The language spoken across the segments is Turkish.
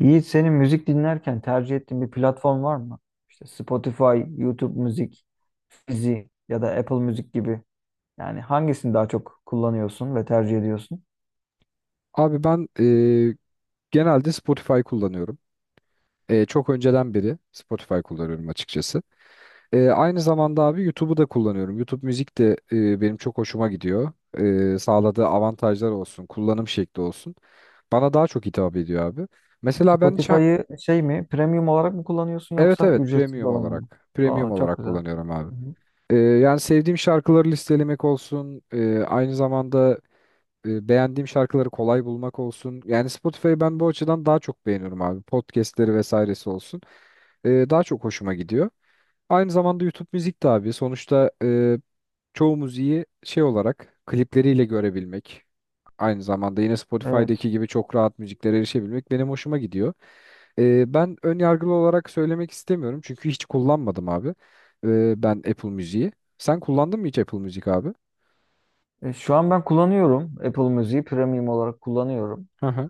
Yiğit senin müzik dinlerken tercih ettiğin bir platform var mı? İşte Spotify, YouTube Müzik, Fizi ya da Apple Müzik gibi. Yani hangisini daha çok kullanıyorsun ve tercih ediyorsun? Abi ben genelde Spotify kullanıyorum. Çok önceden beri Spotify kullanıyorum açıkçası. Aynı zamanda abi YouTube'u da kullanıyorum. YouTube müzik de benim çok hoşuma gidiyor. Sağladığı avantajlar olsun, kullanım şekli olsun. Bana daha çok hitap ediyor abi. Mesela Spotify'ı şey mi, premium olarak mı kullanıyorsun evet yoksa evet ücretsiz premium olan mı? olarak premium Aa çok olarak güzel. kullanıyorum abi. Hı hı. Yani sevdiğim şarkıları listelemek olsun, aynı zamanda beğendiğim şarkıları kolay bulmak olsun. Yani Spotify'ı ben bu açıdan daha çok beğeniyorum abi. Podcast'leri vesairesi olsun. Daha çok hoşuma gidiyor. Aynı zamanda YouTube müzik de abi. Sonuçta çoğu müziği şey olarak klipleriyle görebilmek. Aynı zamanda yine Evet. Spotify'daki gibi çok rahat müziklere erişebilmek benim hoşuma gidiyor. Ben ön yargılı olarak söylemek istemiyorum çünkü hiç kullanmadım abi. Ben Apple Müziği. Sen kullandın mı hiç Apple Müzik abi? Şu an ben kullanıyorum Apple Müziği premium olarak kullanıyorum. Hı hı.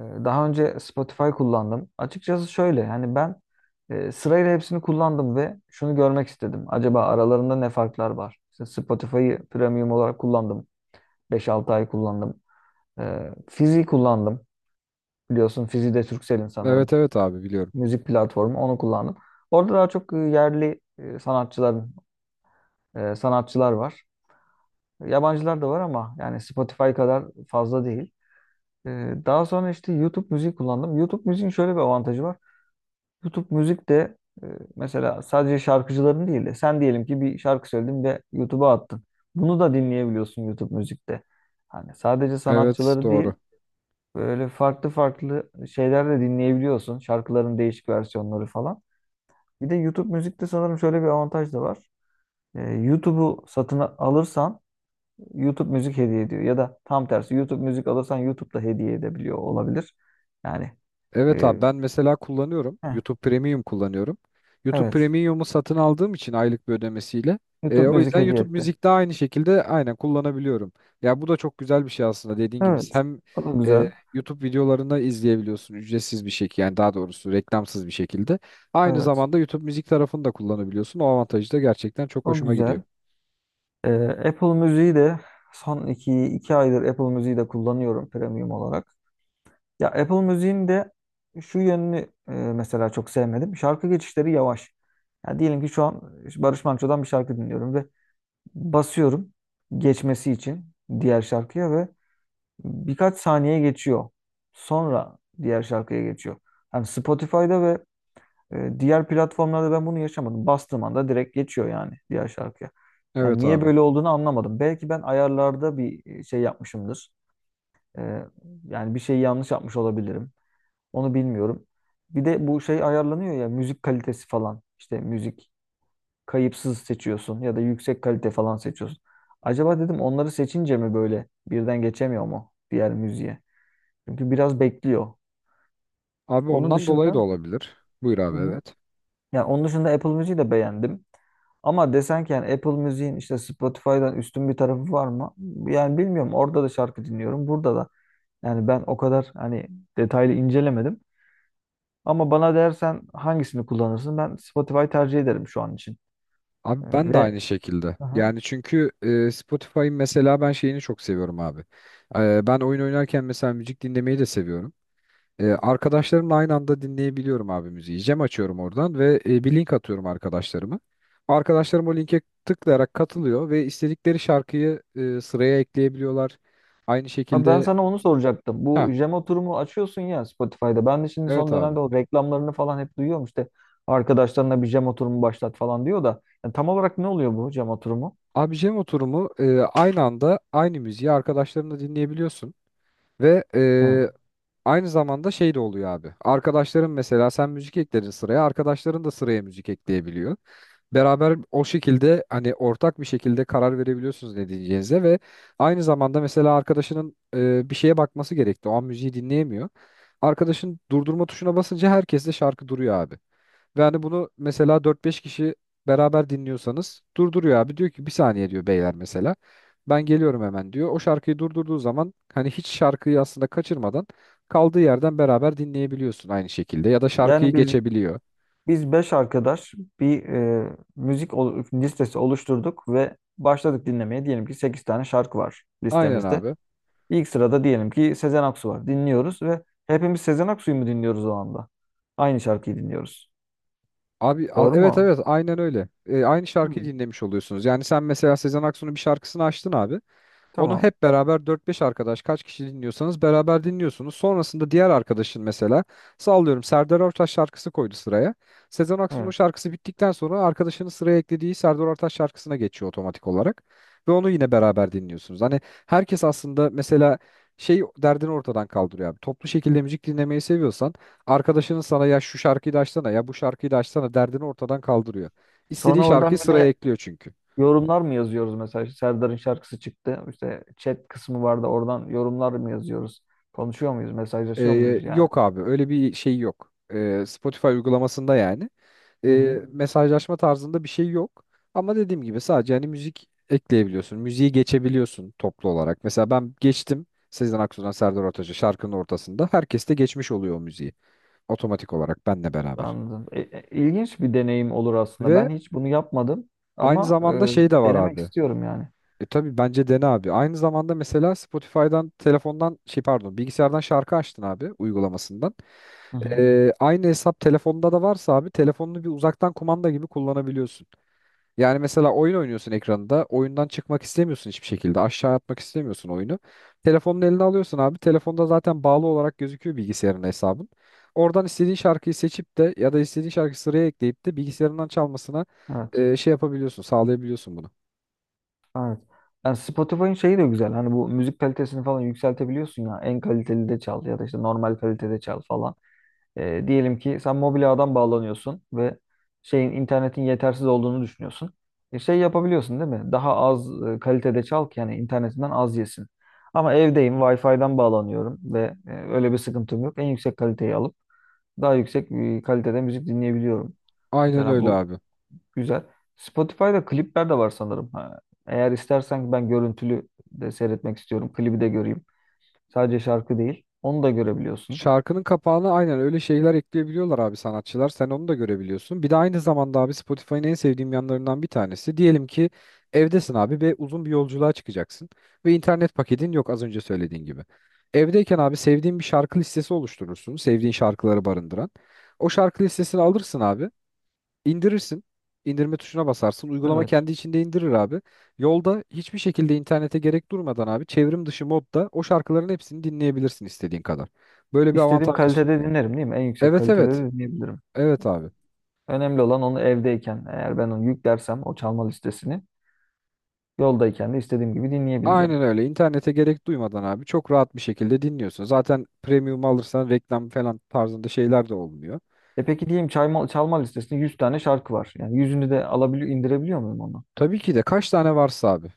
Daha önce Spotify kullandım. Açıkçası şöyle yani ben sırayla hepsini kullandım ve şunu görmek istedim. Acaba aralarında ne farklar var? İşte Spotify'ı premium olarak kullandım, beş altı ay kullandım. Fizi kullandım. Biliyorsun Fizi de Turkcell'in sanırım. Evet evet abi biliyorum. Müzik platformu, onu kullandım. Orada daha çok yerli sanatçıların sanatçılar var. Yabancılar da var ama yani Spotify kadar fazla değil. Daha sonra işte YouTube müziği kullandım. YouTube müziğin şöyle bir avantajı var. YouTube müzik de e, mesela sadece şarkıcıların değil de sen diyelim ki bir şarkı söyledin ve YouTube'a attın. Bunu da dinleyebiliyorsun YouTube müzikte. Hani sadece Evet sanatçıları değil, doğru. böyle farklı farklı şeyler de dinleyebiliyorsun. Şarkıların değişik versiyonları falan. Bir de YouTube müzikte sanırım şöyle bir avantaj da var. YouTube'u satın alırsan YouTube müzik hediye ediyor. Ya da tam tersi, YouTube müzik alırsan YouTube'da hediye edebiliyor olabilir. Yani Evet e, abi ben mesela kullanıyorum. heh, YouTube Premium kullanıyorum. YouTube evet, Premium'u satın aldığım için aylık bir ödemesiyle. YouTube O müzik yüzden hediye YouTube etti. Müzik'te aynı şekilde aynen kullanabiliyorum. Ya bu da çok güzel bir şey aslında dediğin gibi. Evet. Hem O da güzel. e, YouTube videolarını izleyebiliyorsun ücretsiz bir şekilde, yani daha doğrusu reklamsız bir şekilde. Aynı Evet. zamanda YouTube Müzik tarafını da kullanabiliyorsun. O avantajı da gerçekten çok O hoşuma gidiyor. güzel. Ee, Apple Müziği de son iki, iki aydır Apple Müziği de kullanıyorum premium olarak. Ya Apple Müziğin de şu yönünü mesela çok sevmedim. Şarkı geçişleri yavaş. Ya diyelim ki şu an Barış Manço'dan bir şarkı dinliyorum ve basıyorum geçmesi için diğer şarkıya ve birkaç saniye geçiyor. Sonra diğer şarkıya geçiyor. Hani Spotify'da ve diğer platformlarda ben bunu yaşamadım. Bastığım anda direkt geçiyor yani diğer şarkıya. Yani Evet niye abi. böyle olduğunu anlamadım. Belki ben ayarlarda bir şey yapmışımdır. E, Yani bir şeyi yanlış yapmış olabilirim. Onu bilmiyorum. Bir de bu şey ayarlanıyor ya, müzik kalitesi falan. İşte müzik kayıpsız seçiyorsun ya da yüksek kalite falan seçiyorsun. Acaba dedim onları seçince mi böyle birden geçemiyor mu diğer müziğe? Çünkü biraz bekliyor. Abi Onun ondan dolayı da dışında olabilir. Buyur hı abi, hı. evet. Yani onun dışında Apple Music'i de beğendim. Ama desen ki yani Apple Music'in işte Spotify'dan üstün bir tarafı var mı? Yani bilmiyorum. Orada da şarkı dinliyorum, burada da. Yani ben o kadar hani detaylı incelemedim. Ama bana dersen hangisini kullanırsın? Ben Spotify tercih ederim şu an için. Abi Ee, ben de Ve aynı şekilde. Aha. Yani çünkü Spotify'ın mesela ben şeyini çok seviyorum abi. Ben oyun oynarken mesela müzik dinlemeyi de seviyorum. Arkadaşlarımla aynı anda dinleyebiliyorum abi müziği. Cem açıyorum oradan ve bir link atıyorum arkadaşlarıma. Arkadaşlarım o linke tıklayarak katılıyor ve istedikleri şarkıyı sıraya ekleyebiliyorlar. Aynı Ha, ben şekilde. sana onu soracaktım. Bu ha jam oturumu açıyorsun ya Spotify'da. Ben de şimdi evet son abi. dönemde o reklamlarını falan hep duyuyorum. İşte arkadaşlarına bir jam oturumu başlat falan diyor da. Yani tam olarak ne oluyor bu jam oturumu? Abi Cem oturumu, aynı anda aynı müziği arkadaşlarınla dinleyebiliyorsun. Ve Hı. Aynı zamanda şey de oluyor abi. Arkadaşların, mesela sen müzik ekledin sıraya, arkadaşların da sıraya müzik ekleyebiliyor. Beraber o şekilde hani ortak bir şekilde karar verebiliyorsunuz ne diyeceğinize ve aynı zamanda mesela arkadaşının bir şeye bakması gerekti. O an müziği dinleyemiyor. Arkadaşın durdurma tuşuna basınca herkes de şarkı duruyor abi. Ve hani bunu mesela dört beş kişi beraber dinliyorsanız durduruyor abi. Diyor ki, bir saniye diyor beyler mesela. Ben geliyorum hemen diyor. O şarkıyı durdurduğu zaman hani hiç şarkıyı aslında kaçırmadan kaldığı yerden beraber dinleyebiliyorsun aynı şekilde. Ya da Yani şarkıyı biz geçebiliyor. Biz beş arkadaş bir listesi oluşturduk ve başladık dinlemeye. Diyelim ki 8 tane şarkı var Aynen listemizde. abi. İlk sırada diyelim ki Sezen Aksu var. Dinliyoruz ve hepimiz Sezen Aksu'yu mu dinliyoruz o anda? Aynı şarkıyı dinliyoruz. Doğru Evet mu? evet, aynen öyle. Aynı şarkıyı Hı, dinlemiş oluyorsunuz. Yani sen mesela Sezen Aksu'nun bir şarkısını açtın abi. Onu tamam. hep beraber dört beş arkadaş kaç kişi dinliyorsanız beraber dinliyorsunuz. Sonrasında diğer arkadaşın mesela sallıyorum Serdar Ortaç şarkısı koydu sıraya. Sezen Aksu'nun o Evet. şarkısı bittikten sonra arkadaşının sıraya eklediği Serdar Ortaç şarkısına geçiyor otomatik olarak. Ve onu yine beraber dinliyorsunuz. Hani herkes aslında mesela şey derdini ortadan kaldırıyor abi. Toplu şekilde müzik dinlemeyi seviyorsan arkadaşının sana ya şu şarkıyı da açsana ya bu şarkıyı da açsana derdini ortadan kaldırıyor. İstediği Sonra şarkıyı oradan bir sıraya de ekliyor çünkü. yorumlar mı yazıyoruz mesela? İşte Serdar'ın şarkısı çıktı. İşte chat kısmı vardı. Oradan yorumlar mı yazıyoruz? Konuşuyor muyuz? Ee, Mesajlaşıyor muyuz yani? Yok abi öyle bir şey yok. Spotify uygulamasında yani. Hı hı. Mesajlaşma tarzında bir şey yok. Ama dediğim gibi sadece hani müzik ekleyebiliyorsun. Müziği geçebiliyorsun toplu olarak. Mesela ben geçtim Sezen Aksu'dan Serdar Ortaç'a şarkının ortasında. Herkes de geçmiş oluyor o müziği. Otomatik olarak benle beraber. Anladım. İlginç bir deneyim olur aslında. Ve Ben hiç bunu yapmadım aynı ama zamanda şey de var denemek abi. istiyorum yani. E tabii bence dene abi. Aynı zamanda mesela Spotify'dan telefondan şey pardon bilgisayardan şarkı açtın abi uygulamasından. Hı hı. Aynı hesap telefonda da varsa abi telefonunu bir uzaktan kumanda gibi kullanabiliyorsun. Yani mesela oyun oynuyorsun ekranında. Oyundan çıkmak istemiyorsun hiçbir şekilde. Aşağı atmak istemiyorsun oyunu. Telefonun eline alıyorsun abi. Telefonda zaten bağlı olarak gözüküyor bilgisayarın hesabın. Oradan istediğin şarkıyı seçip de ya da istediğin şarkıyı sıraya ekleyip de bilgisayarından çalmasına Evet. e, şey yapabiliyorsun, sağlayabiliyorsun bunu. Evet. Yani Spotify'ın şeyi de güzel. Hani bu müzik kalitesini falan yükseltebiliyorsun ya. En kaliteli de çal ya da işte normal kalitede çal falan. Diyelim ki sen mobilyadan bağlanıyorsun ve şeyin, internetin yetersiz olduğunu düşünüyorsun. Şey yapabiliyorsun değil mi? Daha az kalitede çal ki yani internetinden az yesin. Ama evdeyim, Wi-Fi'den bağlanıyorum ve öyle bir sıkıntım yok. En yüksek kaliteyi alıp daha yüksek bir kalitede müzik dinleyebiliyorum. Aynen Mesela öyle bu abi. güzel. Spotify'da klipler de var sanırım. Ha, eğer istersen ben görüntülü de seyretmek istiyorum. Klibi de göreyim. Sadece şarkı değil, onu da görebiliyorsun. Şarkının kapağına aynen öyle şeyler ekleyebiliyorlar abi sanatçılar. Sen onu da görebiliyorsun. Bir de aynı zamanda abi Spotify'ın en sevdiğim yanlarından bir tanesi. Diyelim ki evdesin abi ve uzun bir yolculuğa çıkacaksın. Ve internet paketin yok az önce söylediğin gibi. Evdeyken abi sevdiğin bir şarkı listesi oluşturursun. Sevdiğin şarkıları barındıran. O şarkı listesini alırsın abi. İndirirsin. İndirme tuşuna basarsın. Uygulama Evet. kendi içinde indirir abi. Yolda hiçbir şekilde internete gerek durmadan abi çevrim dışı modda o şarkıların hepsini dinleyebilirsin istediğin kadar. Böyle bir İstediğim avantaj da sun- kalitede dinlerim değil mi? En yüksek Evet kalitede evet. de dinleyebilirim. Evet abi. Önemli olan onu evdeyken eğer ben onu yüklersem o çalma listesini yoldayken de istediğim gibi dinleyebileceğim. Aynen öyle. İnternete gerek duymadan abi çok rahat bir şekilde dinliyorsun. Zaten premium alırsan reklam falan tarzında şeyler de olmuyor. E peki, diyeyim çalma listesinde 100 tane şarkı var. Yani yüzünü de alabiliyor, indirebiliyor muyum onu? Tabii ki de kaç tane varsa abi.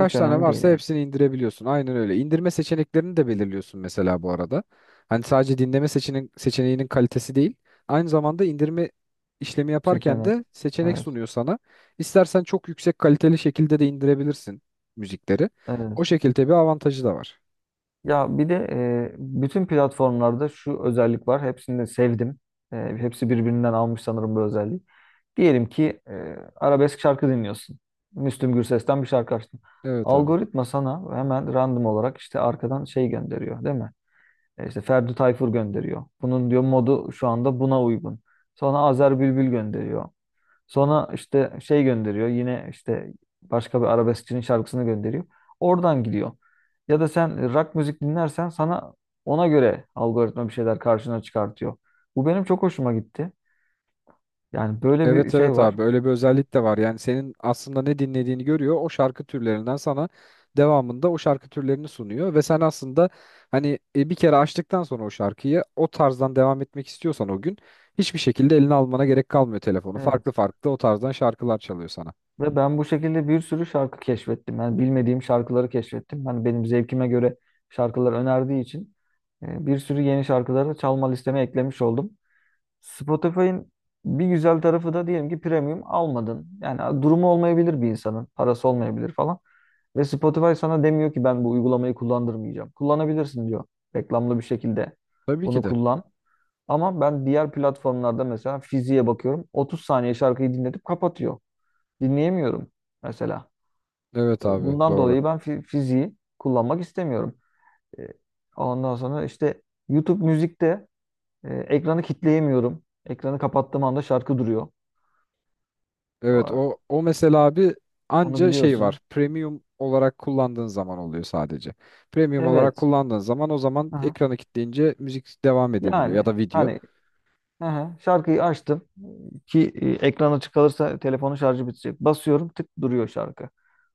Hiç tane önemli değil varsa yani. hepsini indirebiliyorsun. Aynen öyle. İndirme seçeneklerini de belirliyorsun mesela bu arada. Hani sadece dinleme seçeneğinin kalitesi değil. Aynı zamanda indirme işlemi yaparken Seçenek. de seçenek Evet. sunuyor sana. İstersen çok yüksek kaliteli şekilde de indirebilirsin müzikleri. O Evet. şekilde bir avantajı da var. Ya bir de bütün platformlarda şu özellik var. Hepsini de sevdim. Hepsi birbirinden almış sanırım bu özelliği. Diyelim ki arabesk şarkı dinliyorsun. Müslüm Gürses'ten bir şarkı açtın. Evet abi. Algoritma sana hemen random olarak işte arkadan şey gönderiyor, değil mi? İşte Ferdi Tayfur gönderiyor. Bunun diyor modu şu anda buna uygun. Sonra Azer Bülbül gönderiyor. Sonra işte şey gönderiyor. Yine işte başka bir arabeskçinin şarkısını gönderiyor. Oradan gidiyor. Ya da sen rock müzik dinlersen sana ona göre algoritma bir şeyler karşına çıkartıyor. Bu benim çok hoşuma gitti. Yani böyle bir Evet şey evet var. abi öyle bir özellik de var. Yani senin aslında ne dinlediğini görüyor. O şarkı türlerinden sana devamında o şarkı türlerini sunuyor ve sen aslında hani bir kere açtıktan sonra o şarkıyı o tarzdan devam etmek istiyorsan o gün hiçbir şekilde eline almana gerek kalmıyor telefonu. Farklı Evet. farklı o tarzdan şarkılar çalıyor sana. Ve ben bu şekilde bir sürü şarkı keşfettim. Yani bilmediğim şarkıları keşfettim. Hani benim zevkime göre şarkılar önerdiği için bir sürü yeni şarkıları çalma listeme eklemiş oldum. Spotify'ın bir güzel tarafı da diyelim ki premium almadın. Yani durumu olmayabilir bir insanın. Parası olmayabilir falan. Ve Spotify sana demiyor ki ben bu uygulamayı kullandırmayacağım. Kullanabilirsin diyor. Reklamlı bir şekilde Tabii bunu ki de. kullan. Ama ben diğer platformlarda mesela fiziğe bakıyorum. 30 saniye şarkıyı dinletip kapatıyor. Dinleyemiyorum mesela. Evet abi Bundan doğru. dolayı ben fiziği kullanmak istemiyorum. E, Ondan sonra işte YouTube müzikte ekranı kitleyemiyorum. Ekranı kapattığım anda şarkı duruyor. Evet Aa, o mesela abi onu anca şey biliyorsun. var. Premium olarak kullandığın zaman oluyor sadece. Premium olarak Evet. kullandığın zaman o zaman Aha. ekranı kilitleyince müzik devam edebiliyor ya Yani da video. hani, aha, şarkıyı açtım ki ekran açık kalırsa telefonun şarjı bitecek. Basıyorum, tık, duruyor şarkı.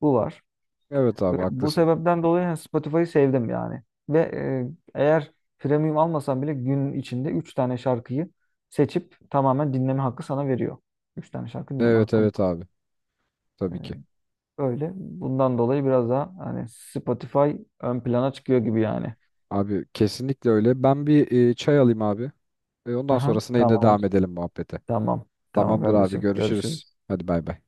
Bu var. Evet Ve abi bu haklısın. sebepten dolayı yani Spotify'ı sevdim yani. Ve eğer premium almasan bile gün içinde 3 tane şarkıyı seçip tamamen dinleme hakkı sana veriyor. 3 tane şarkı dinleme Evet hakkım evet var. abi. E, Tabii ki. Öyle. Bundan dolayı biraz daha hani Spotify ön plana çıkıyor gibi yani. Abi kesinlikle öyle. Ben bir çay alayım abi. Ondan Aha, sonrasında yine devam tamamdır. edelim muhabbete. Tamam. Tamam Tamamdır abi kardeşim, görüşürüz. görüşürüz. Hadi bay bay.